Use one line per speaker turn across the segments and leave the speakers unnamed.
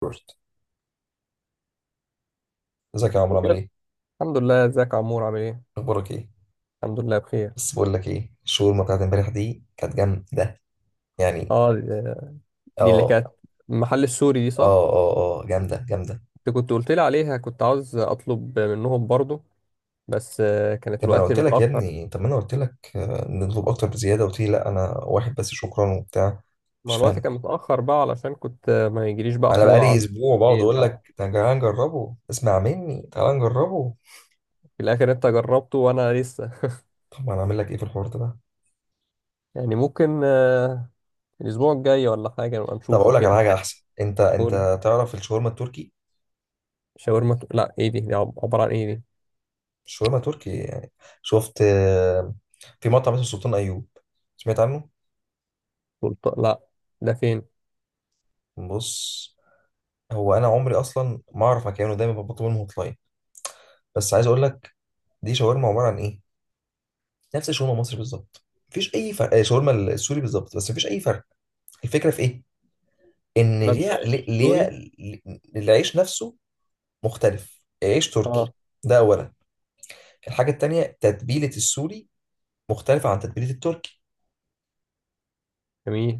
روبرت، ازيك يا عمرو؟ عامل ايه؟
الحمد لله، ازيك يا عمور عامل ايه؟
اخبارك ايه؟
الحمد لله بخير.
بس بقول لك ايه، الشاورما بتاعت امبارح دي كانت جامده يعني.
اه، دي اللي
اه،
كانت المحل السوري دي صح؟
اه، اه، اه، جامده جامده.
انت كنت قلت لي عليها، كنت عاوز اطلب منهم برضو بس كانت
طب ما انا
الوقت
قلت لك يا
متاخر.
ابني، طب ما انا قلت لك، نطلب اكتر بزياده. قلت لي لا، انا واحد بس شكرا وبتاع. مش
ما الوقت
فاهمك.
كان متاخر بقى، علشان كنت ما يجيليش بقى
انا
حموضه
بقالي
على
اسبوع بقعد
الليل
اقول
بقى.
لك تعالى نجربه، اسمع مني تعالى نجربه.
في الاخر انت جربته وانا لسه.
طب ما انا اعمل لك ايه في الحوار ده بقى؟
يعني ممكن الاسبوع الجاي ولا حاجه نبقى
طب
نشوفه
اقول لك على
كده.
حاجه احسن. انت
قول لي.
انت تعرف الشاورما التركي؟
لا ايه دي عباره عن ايه دي؟
الشاورما التركي يعني. شفت، في مطعم اسمه سلطان ايوب؟ سمعت عنه؟
سلطة؟ لا، ده فين؟
بص، هو انا عمري اصلا ما اعرف مكانه، دايما بطلب منهم هوت. بس عايز اقول لك، دي شاورما عباره عن ايه؟ نفس الشاورما المصري بالظبط، مفيش اي فرق. شاورما السوري بالظبط بس، مفيش اي فرق. الفكره في ايه؟ ان
بدله سوري.
العيش نفسه مختلف، عيش
اه
تركي. ده اولا. الحاجه التانيه، تتبيله السوري مختلفه عن تتبيله التركي.
جميل.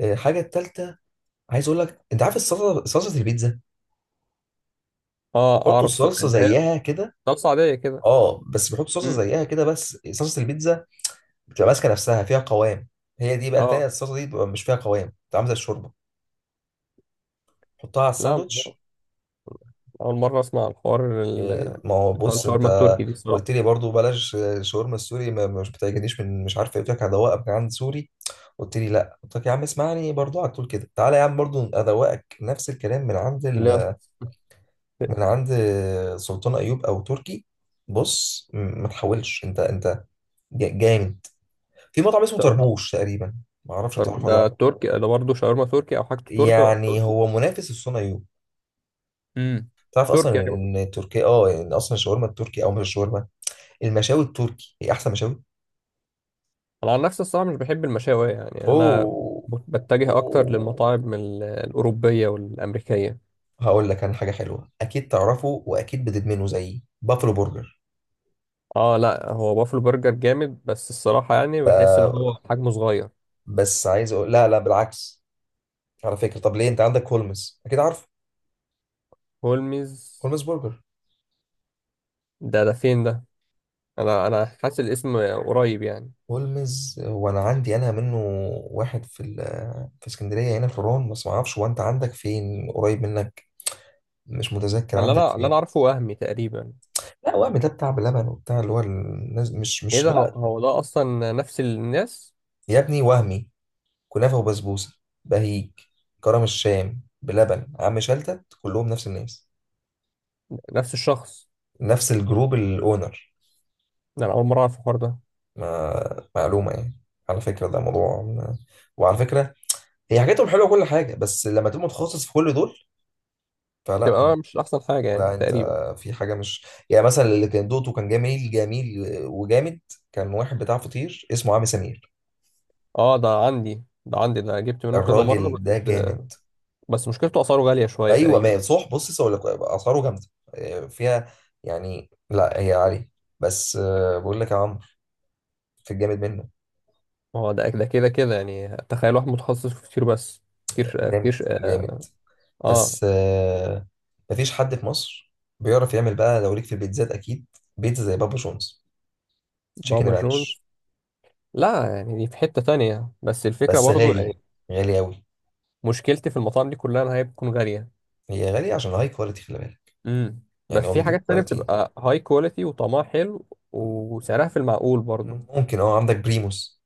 الحاجه التالته، عايز اقول لك، انت عارف الصلصه؟ صلصه البيتزا.
اه
بيحطوا
اعرف س-
الصلصه
اللي هي
زيها كده.
رقصة عادية كده.
اه، بس بيحطوا صلصه
مم.
زيها كده، بس صلصه البيتزا بتبقى ماسكه نفسها، فيها قوام. هي دي بقى التانية.
اه
الصلصه دي بتبقى مش فيها قوام، بتبقى عامله زي الشوربه. حطها على
لا،
الساندوتش.
اول مرة اسمع الحوار
إيه، ما هو
اللي هو
بص انت
الشاورما التركي دي
قلت
الصراحة.
لي برضو بلاش شاورما السوري، ما مش بتعجبنيش من مش عارف ايه، قلت لك هدوقك من عند سوري. قلت لي لا، قلت لك يا عم اسمعني برضو، على طول كده تعالى يا عم برضو ادوقك نفس الكلام من عند
لا
ال... من عند سلطان ايوب او تركي. بص، ما تحاولش. انت جامد. في مطعم اسمه
طب،
طربوش تقريبا، ما اعرفش انت
طب
عارفه ولا
ده
لا؟
تركي، ده برضه شاورما تركي او حاجته تركي
يعني
تركي؟
هو منافس لسلطان ايوب.
مم.
تعرف
تركي
اصلا
يعني.
إن تركيا، اه، ان اصلا الشاورما التركي، او مش الشاورما، المشاوي التركي هي احسن مشاوي.
انا عن نفسي الصراحة مش بحب المشاوي يعني، يعني انا
اوه.
بتجه اكتر
اوه.
للمطاعم الاوروبية والامريكية.
هقول لك انا حاجه حلوه، اكيد تعرفه واكيد بتدمنه زيي، بافلو برجر.
اه لا هو بافلو برجر جامد بس الصراحة يعني بحس ان هو حجمه صغير.
بس عايز اقول لا لا، بالعكس. على فكره، طب ليه، انت عندك هولمز اكيد عارف؟
هولمز؟
هولمز برجر.
ده ده فين ده؟ انا حاسس الاسم قريب يعني.
هولمز، وانا عندي انا منه واحد في ال... في اسكندريه هنا في الرون، بس ما اعرفش هو انت عندك فين قريب منك، مش متذكر
اللي
عندك
انا اللي انا
فين.
عارفه وهمي تقريبا.
لا، وهم ده بتاع بلبن وبتاع اللي هو الناس، مش
ايه
مش
ده، هو
لا.
هو ده اصلا نفس الناس.
يا ابني وهمي، كنافة وبسبوسة، بهيج، كرم الشام، بلبن، عم شلتت، كلهم نفس الناس،
نفس الشخص؟
نفس الجروب، الأونر.
ده انا اول مره اعرف الحوار ده.
ما معلومة يعني. على فكرة ده موضوع وعلى فكرة، هي حاجاتهم حلوة كل حاجة، بس لما تبقى متخصص في كل دول فلا
تبقى أنا
انت،
مش احسن حاجه يعني
لا انت
تقريبا.
في حاجة، مش يعني مثلا اللي كان دوقته كان جميل جميل وجامد. كان واحد بتاع فطير اسمه عم سمير.
اه ده عندي، ده عندي، ده جبت منه كذا مره
الراجل ده
بس.
جامد.
بس مشكلته اسعاره غاليه شويه
ايوه، ما
تقريبا.
هي صح، بص اقول لك، اسعاره جامده، فيها، يعني لا هي عاليه، بس بقول لك يا عمرو، في الجامد منه.
هو ده، ده كده يعني تخيل واحد متخصص في كتير. بس كتير
جامد
كتير
جامد.
اه. آه،
بس مفيش حد في مصر بيعرف يعمل. بقى لو ليك في البيتزات، اكيد بيتزا زي بابا جونز، تشيكن
بابا جونز؟
رانش.
لا يعني دي في حته تانية بس الفكره
بس
برضو
غالي،
يعني.
غالي قوي.
مشكلتي في المطاعم دي كلها انها هي بتكون غاليه.
هي غاليه عشان هاي كواليتي، خلي بالك.
امم.
يعني
بس
هو
في
بيجيب
حاجات تانية
كواليتي.
بتبقى هاي كواليتي وطعمها حلو وسعرها في المعقول برضه.
ممكن. اه، عندك بريموس؟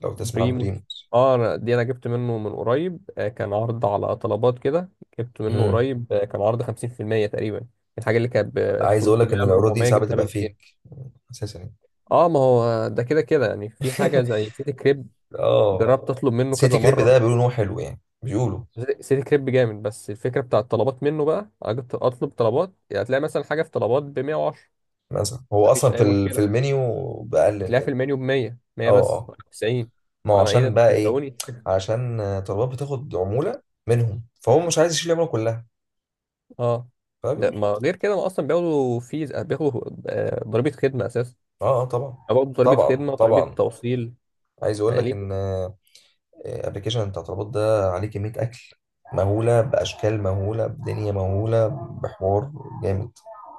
لو تسمع عن
بريمو؟
بريموس.
اه دي انا جبت منه من قريب، كان عرض على طلبات كده. جبت منه
امم.
قريب، كان عرض 50% تقريبا. الحاجة اللي كانت ب
عايز اقول
300
لك ان
ل
العروض دي
400
ساعات
جبتها ب
بتبقى فيك
200.
اساسا يعني.
اه ما هو ده كده يعني، في حاجة زي سيتي كريب.
اه.
جربت اطلب منه كذا
سيتي كريب
مرة.
ده بيقولوا ان هو حلو، يعني بيقولوا
سيتي كريب جامد بس الفكرة بتاع الطلبات منه بقى أجي أطلب طلبات، يعني هتلاقي مثلا حاجة في طلبات ب 110،
مثلا هو
مفيش
اصلا
أي
في
مشكلة،
المنيو بأقل من
وتلاقيها في
كده.
المنيو ب 100. 100.
اه،
بس
اه،
90.
ما هو
انا ايه ده،
عشان
انتوا
بقى ايه،
بتسرقوني؟
عشان طلبات بتاخد عمولة منهم، فهو
مم.
مش عايز يشيل العمولة كلها،
اه ده
فبيقوم
ما
حاطط.
غير كده، ما اصلا بياخدوا فيز، بياخدوا ضريبه خدمه اساسا.
اه، اه، طبعا
بياخدوا ضريبه
طبعا
خدمه وضريبه
طبعا.
توصيل
عايز اقول
يعني
لك ان
ليه؟
الابلكيشن بتاع طلبات ده عليه كمية اكل مهولة، بأشكال مهولة، بدنيا مهولة، بحوار جامد.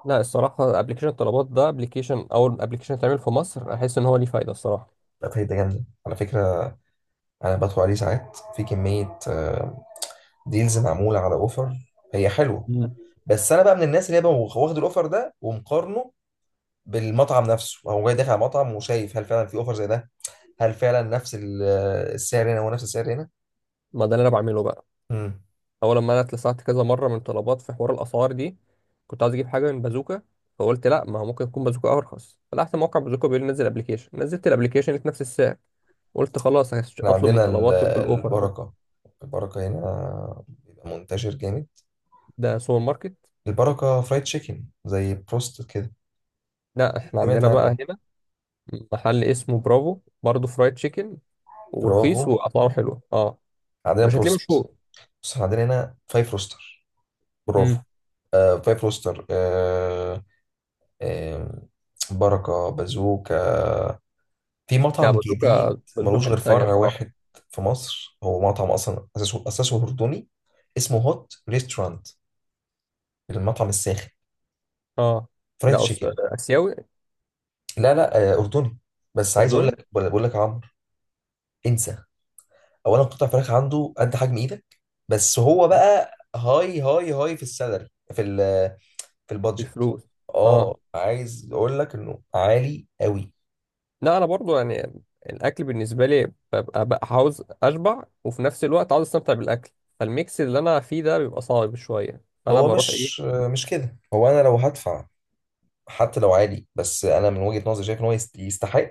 لا الصراحه ابلكيشن الطلبات ده، ابلكيشن اول ابلكيشن اتعمل في مصر، احس ان هو ليه فايده الصراحه.
لا، فايدة جامدة على فكرة. أنا بدخل عليه ساعات في كمية، ديلز معمولة على اوفر، هي حلوة.
مم.
بس انا بقى من الناس اللي هي بقى واخد الاوفر ده ومقارنه بالمطعم نفسه، هو جاي داخل على مطعم وشايف هل فعلا في اوفر زي ده، هل فعلا نفس السعر هنا هو نفس السعر هنا.
ما ده اللي انا بعمله بقى.
امم.
اول لما انا اتلسعت كذا مره من طلبات في حوار الاسعار دي، كنت عايز اجيب حاجه من بازوكا فقلت لا، ما هو ممكن يكون بازوكا ارخص، فتحت موقع بازوكا بيقول لي نزل ابلكيشن، نزلت الابلكيشن لقيت نفس السعر، قلت خلاص
احنا
اطلب من
عندنا
طلبات بالاوفر ده.
البركة. البركة هنا بيبقى منتشر جامد.
ده سوبر ماركت.
البركة فرايد تشيكن زي بروست كده،
لا احنا
سمعت
عندنا بقى
عنه؟
هنا محل اسمه برافو برضه، فرايد تشيكن، ورخيص
برافو،
واسعاره حلوه اه.
عندنا
مش هتلاقيه
بروست.
مشهور.
بس احنا عندنا هنا فايف روستر، برافو.
امم.
فايف روستر. آم، بركة، بازوكا، في مطعم
لا بازوكا،
جديد
بازوكا في
ملوش غير
حته تانيه
فرع
الصراحه.
واحد في مصر، هو مطعم أصلا أساسه أردني، اسمه هوت ريستورانت، المطعم الساخن،
اه
فرايد
ده أس... آه،
تشيكن.
اسيوي؟
لا لا، أردني. بس عايز أقول
اردني.
لك، بقول لك يا عمرو، انسى. أولا، قطع فراخ عنده قد حجم إيدك. بس هو بقى هاي في السالري، في ال في البادجت.
بفلوس. اه
اه، عايز اقول لك انه عالي قوي.
لا انا برضو يعني، الاكل بالنسبه لي ببقى بقى عاوز اشبع وفي نفس الوقت عاوز استمتع بالاكل، فالميكس اللي انا فيه ده بيبقى صعب شويه فانا
هو
بروح
مش
ايه
مش كده، هو انا لو هدفع حتى لو عالي، بس انا من وجهة نظري شايف ان هو يستحق،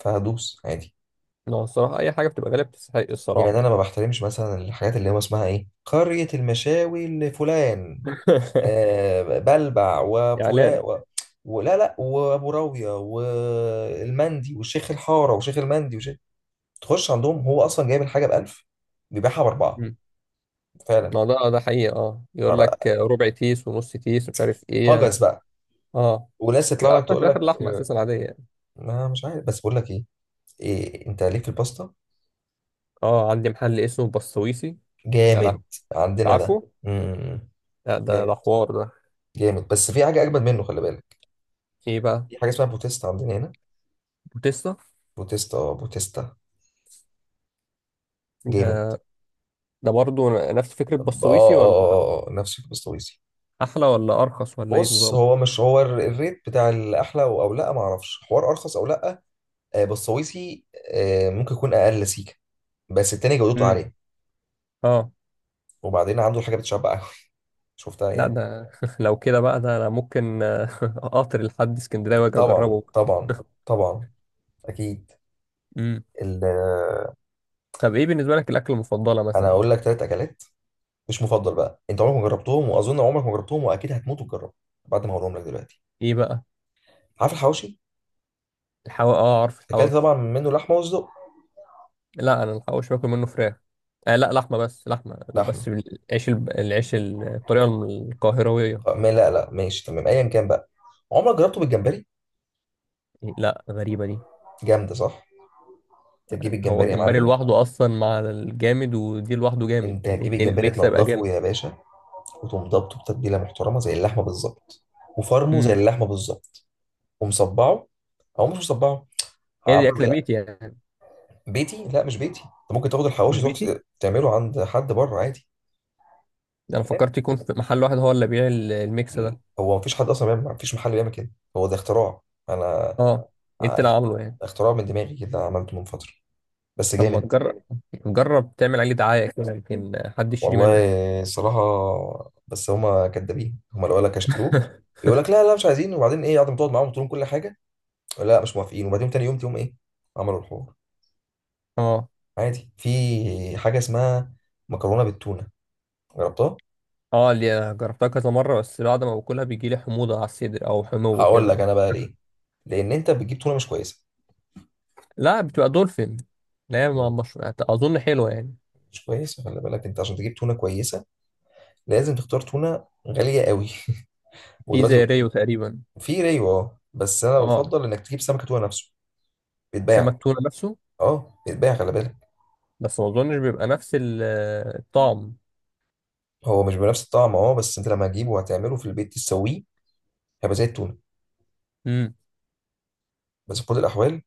فهدوس عادي.
نوع. الصراحه اي حاجه بتبقى غالبا بتستحق
يعني
الصراحه
انا ما
يعني.
بحترمش مثلا الحاجات اللي هو اسمها ايه، قرية المشاوي لفلان، بلبع وفلان
اعلان.
و... ولا لا، وابو راوية والمندي والشيخ الحارة وشيخ المندي وشيخ، تخش عندهم هو اصلا جايب الحاجة بألف، بيبيعها بأربعة،
مم.
فعلا.
ما ده ده حقيقه اه، يقول لك ربع تيس ونص تيس ومش عارف
هجس
ايه.
بقى.
اه
وناس تطلع
يبقى
لك
اصلا في
تقول
الاخر
لك
لحمه اساسا عاديه يعني.
ما مش عارف، بس بقول لك ايه، إيه، انت ليك في الباستا؟
اه عندي محل اسمه بسويسي. يا لهوي.
جامد.
أنت
عندنا ده.
عارفه؟ لا ده
جامد،
ده حوار ده.
جامد، بس في حاجة أجمد منه، خلي بالك.
ايه بقى؟
في حاجة اسمها بوتيستا عندنا هنا.
بوتيستا؟
بوتيستا، اه، بوتيستا.
ده
جامد.
ده برضه نفس فكره بسويسي ولا
نفس البسطويسي.
احلى ولا ارخص ولا ايه
بص،
نظام؟
هو مش هو الريت بتاع الأحلى، أو لأ، معرفش حوار أرخص أو لأ. بسطويسي ممكن يكون أقل سيكة، بس التاني جودته
امم.
عالية.
اه
وبعدين عنده الحاجة بتشبع أوي. شفتها
لا
يعني.
ده. لو كده بقى ده انا ممكن قطر لحد اسكندريه واجي
طبعا
اجربه.
طبعا طبعا، أكيد.
امم.
ال- آه،
طب ايه بالنسبه لك الاكله المفضله
أنا
مثلا؟
هقول لك تلات أكلات، مش مفضل بقى، انت عمرك ما جربتهم، واظن عمرك ما جربتهم، واكيد هتموت وتجربهم بعد ما هقولهم لك دلوقتي.
ايه بقى؟
عارف الحواوشي؟
اه عارف
اكلت
الحواوشي.
طبعا منه لحمه وصدق.
لا انا الحواوشي باكل منه فراخ. آه لا لحمه، بس لحمه لا،
لحمه.
بس العيش العيش الطريقه القاهرويه.
ما لا لا، ماشي تمام، ايا كان بقى. عمرك جربته بالجمبري؟
إيه، لا غريبه دي.
جامده صح؟ تجيب
هو
الجمبري يا
الجمبري
معلم.
لوحده اصلا مع الجامد ودي لوحده جامد،
انت
يعني
هتجيب
الاتنين
الجمبري
الميكس هيبقى
تنضفه
جامد.
يا باشا، وتقوم ضابطه بتتبيله محترمه زي اللحمه بالظبط، وفرمه زي
امم.
اللحمه بالظبط، ومصبعه، او مش مصبعه،
هي
عامله
دي اكله بيتي
ايه.
يعني؟
بيتي؟ لا مش بيتي، انت ممكن تاخد الحواوشي
مش
تروح
بيتي.
تعمله عند حد بره عادي.
انا فكرت يكون في محل واحد هو اللي بيبيع الميكس
آه،
ده.
هو مفيش حد اصلا بيعمل، مفيش محل بيعمل كده، هو ده اختراع. انا
اه، انت اللي
أخ-
عامله يعني.
اختراع من دماغي كده، عملته من فتره، بس
طب ما
جامد.
تجرب، جرب تعمل عليه دعاية كده يمكن حد يشتري
والله
منك.
الصراحه، بس هما كدابين، هما لو قال لك هشتروه، يقول لك لا لا مش عايزين، وبعدين ايه، قعدت تقعد معاهم وتقول لهم كل حاجه، لا مش موافقين، وبعدين تاني يوم تقوم ايه، عملوا الحوار.
اه.
عادي، في حاجه اسمها مكرونه بالتونه، جربتها؟
اه اللي جربتها كذا مرة بس بعد ما باكلها بيجي لي حموضة على الصدر او حمو
هقول لك
كده.
انا بقى ليه، لان انت بتجيب تونه مش كويسه،
لا بتبقى دولفين. لا هي مش اظن حلوة يعني.
مش كويسه. خلي بالك، انت عشان تجيب تونه كويسه لازم تختار تونه غاليه قوي.
في
ودلوقتي
زي ريو تقريبا.
في ريو، اه، بس انا
اه
بفضل انك تجيب سمكه تونه نفسه، بيتباع.
سمك تونة نفسه.
اه، بيتباع خلي بالك.
بس ما اظنش بيبقى نفس الطعم.
هو مش بنفس الطعم اه، بس انت لما هتجيبه وهتعمله في البيت تسويه هيبقى زي التونه.
امم.
بس في كل الاحوال،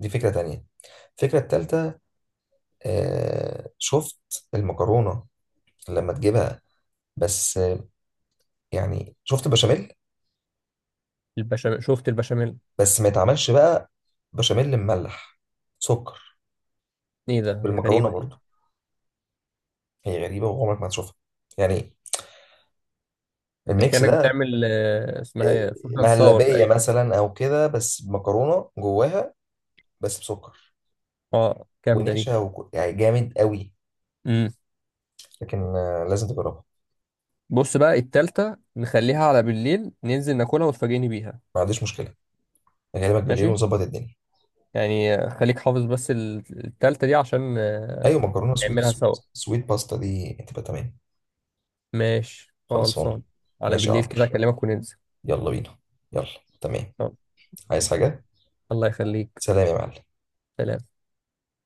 دي فكره تانية. الفكره التالتة، شفت المكرونه لما تجيبها، بس يعني شفت البشاميل؟
البشاميل، شفت البشاميل.
بس ما يتعملش بقى بشاميل مملح، سكر
ايه ده دي
بالمكرونه
غريبة.
برضو، هي غريبه وعمرك ما هتشوفها، يعني.
ده
الميكس
كانك
ده
بتعمل اسمها ايه، فرصه تصور
مهلبية
تقريبا.
مثلا أو كده، بس مكرونة جواها بس بسكر
اه جامده دي.
ونشا يعني جامد قوي.
امم.
لكن لازم تجربها.
بص بقى التالتة نخليها على بالليل، ننزل ناكلها وتفاجئني بيها.
ما عنديش مشكلة، أغلبك بالليل
ماشي.
ونظبط الدنيا.
يعني خليك حافظ بس التالتة دي عشان
أيوة، مكرونة سويت
نعملها
سويت
سوا.
سويت باستا دي هتبقى تمام.
ماشي،
خلصانة.
خلصان. على
ماشي يا
بالليل
عمرو،
كده اكلمك وننزل.
يلا بينا، يلا، تمام.
آه،
عايز
ماشي.
حاجة؟
الله يخليك.
سلام يا معلم.
سلام.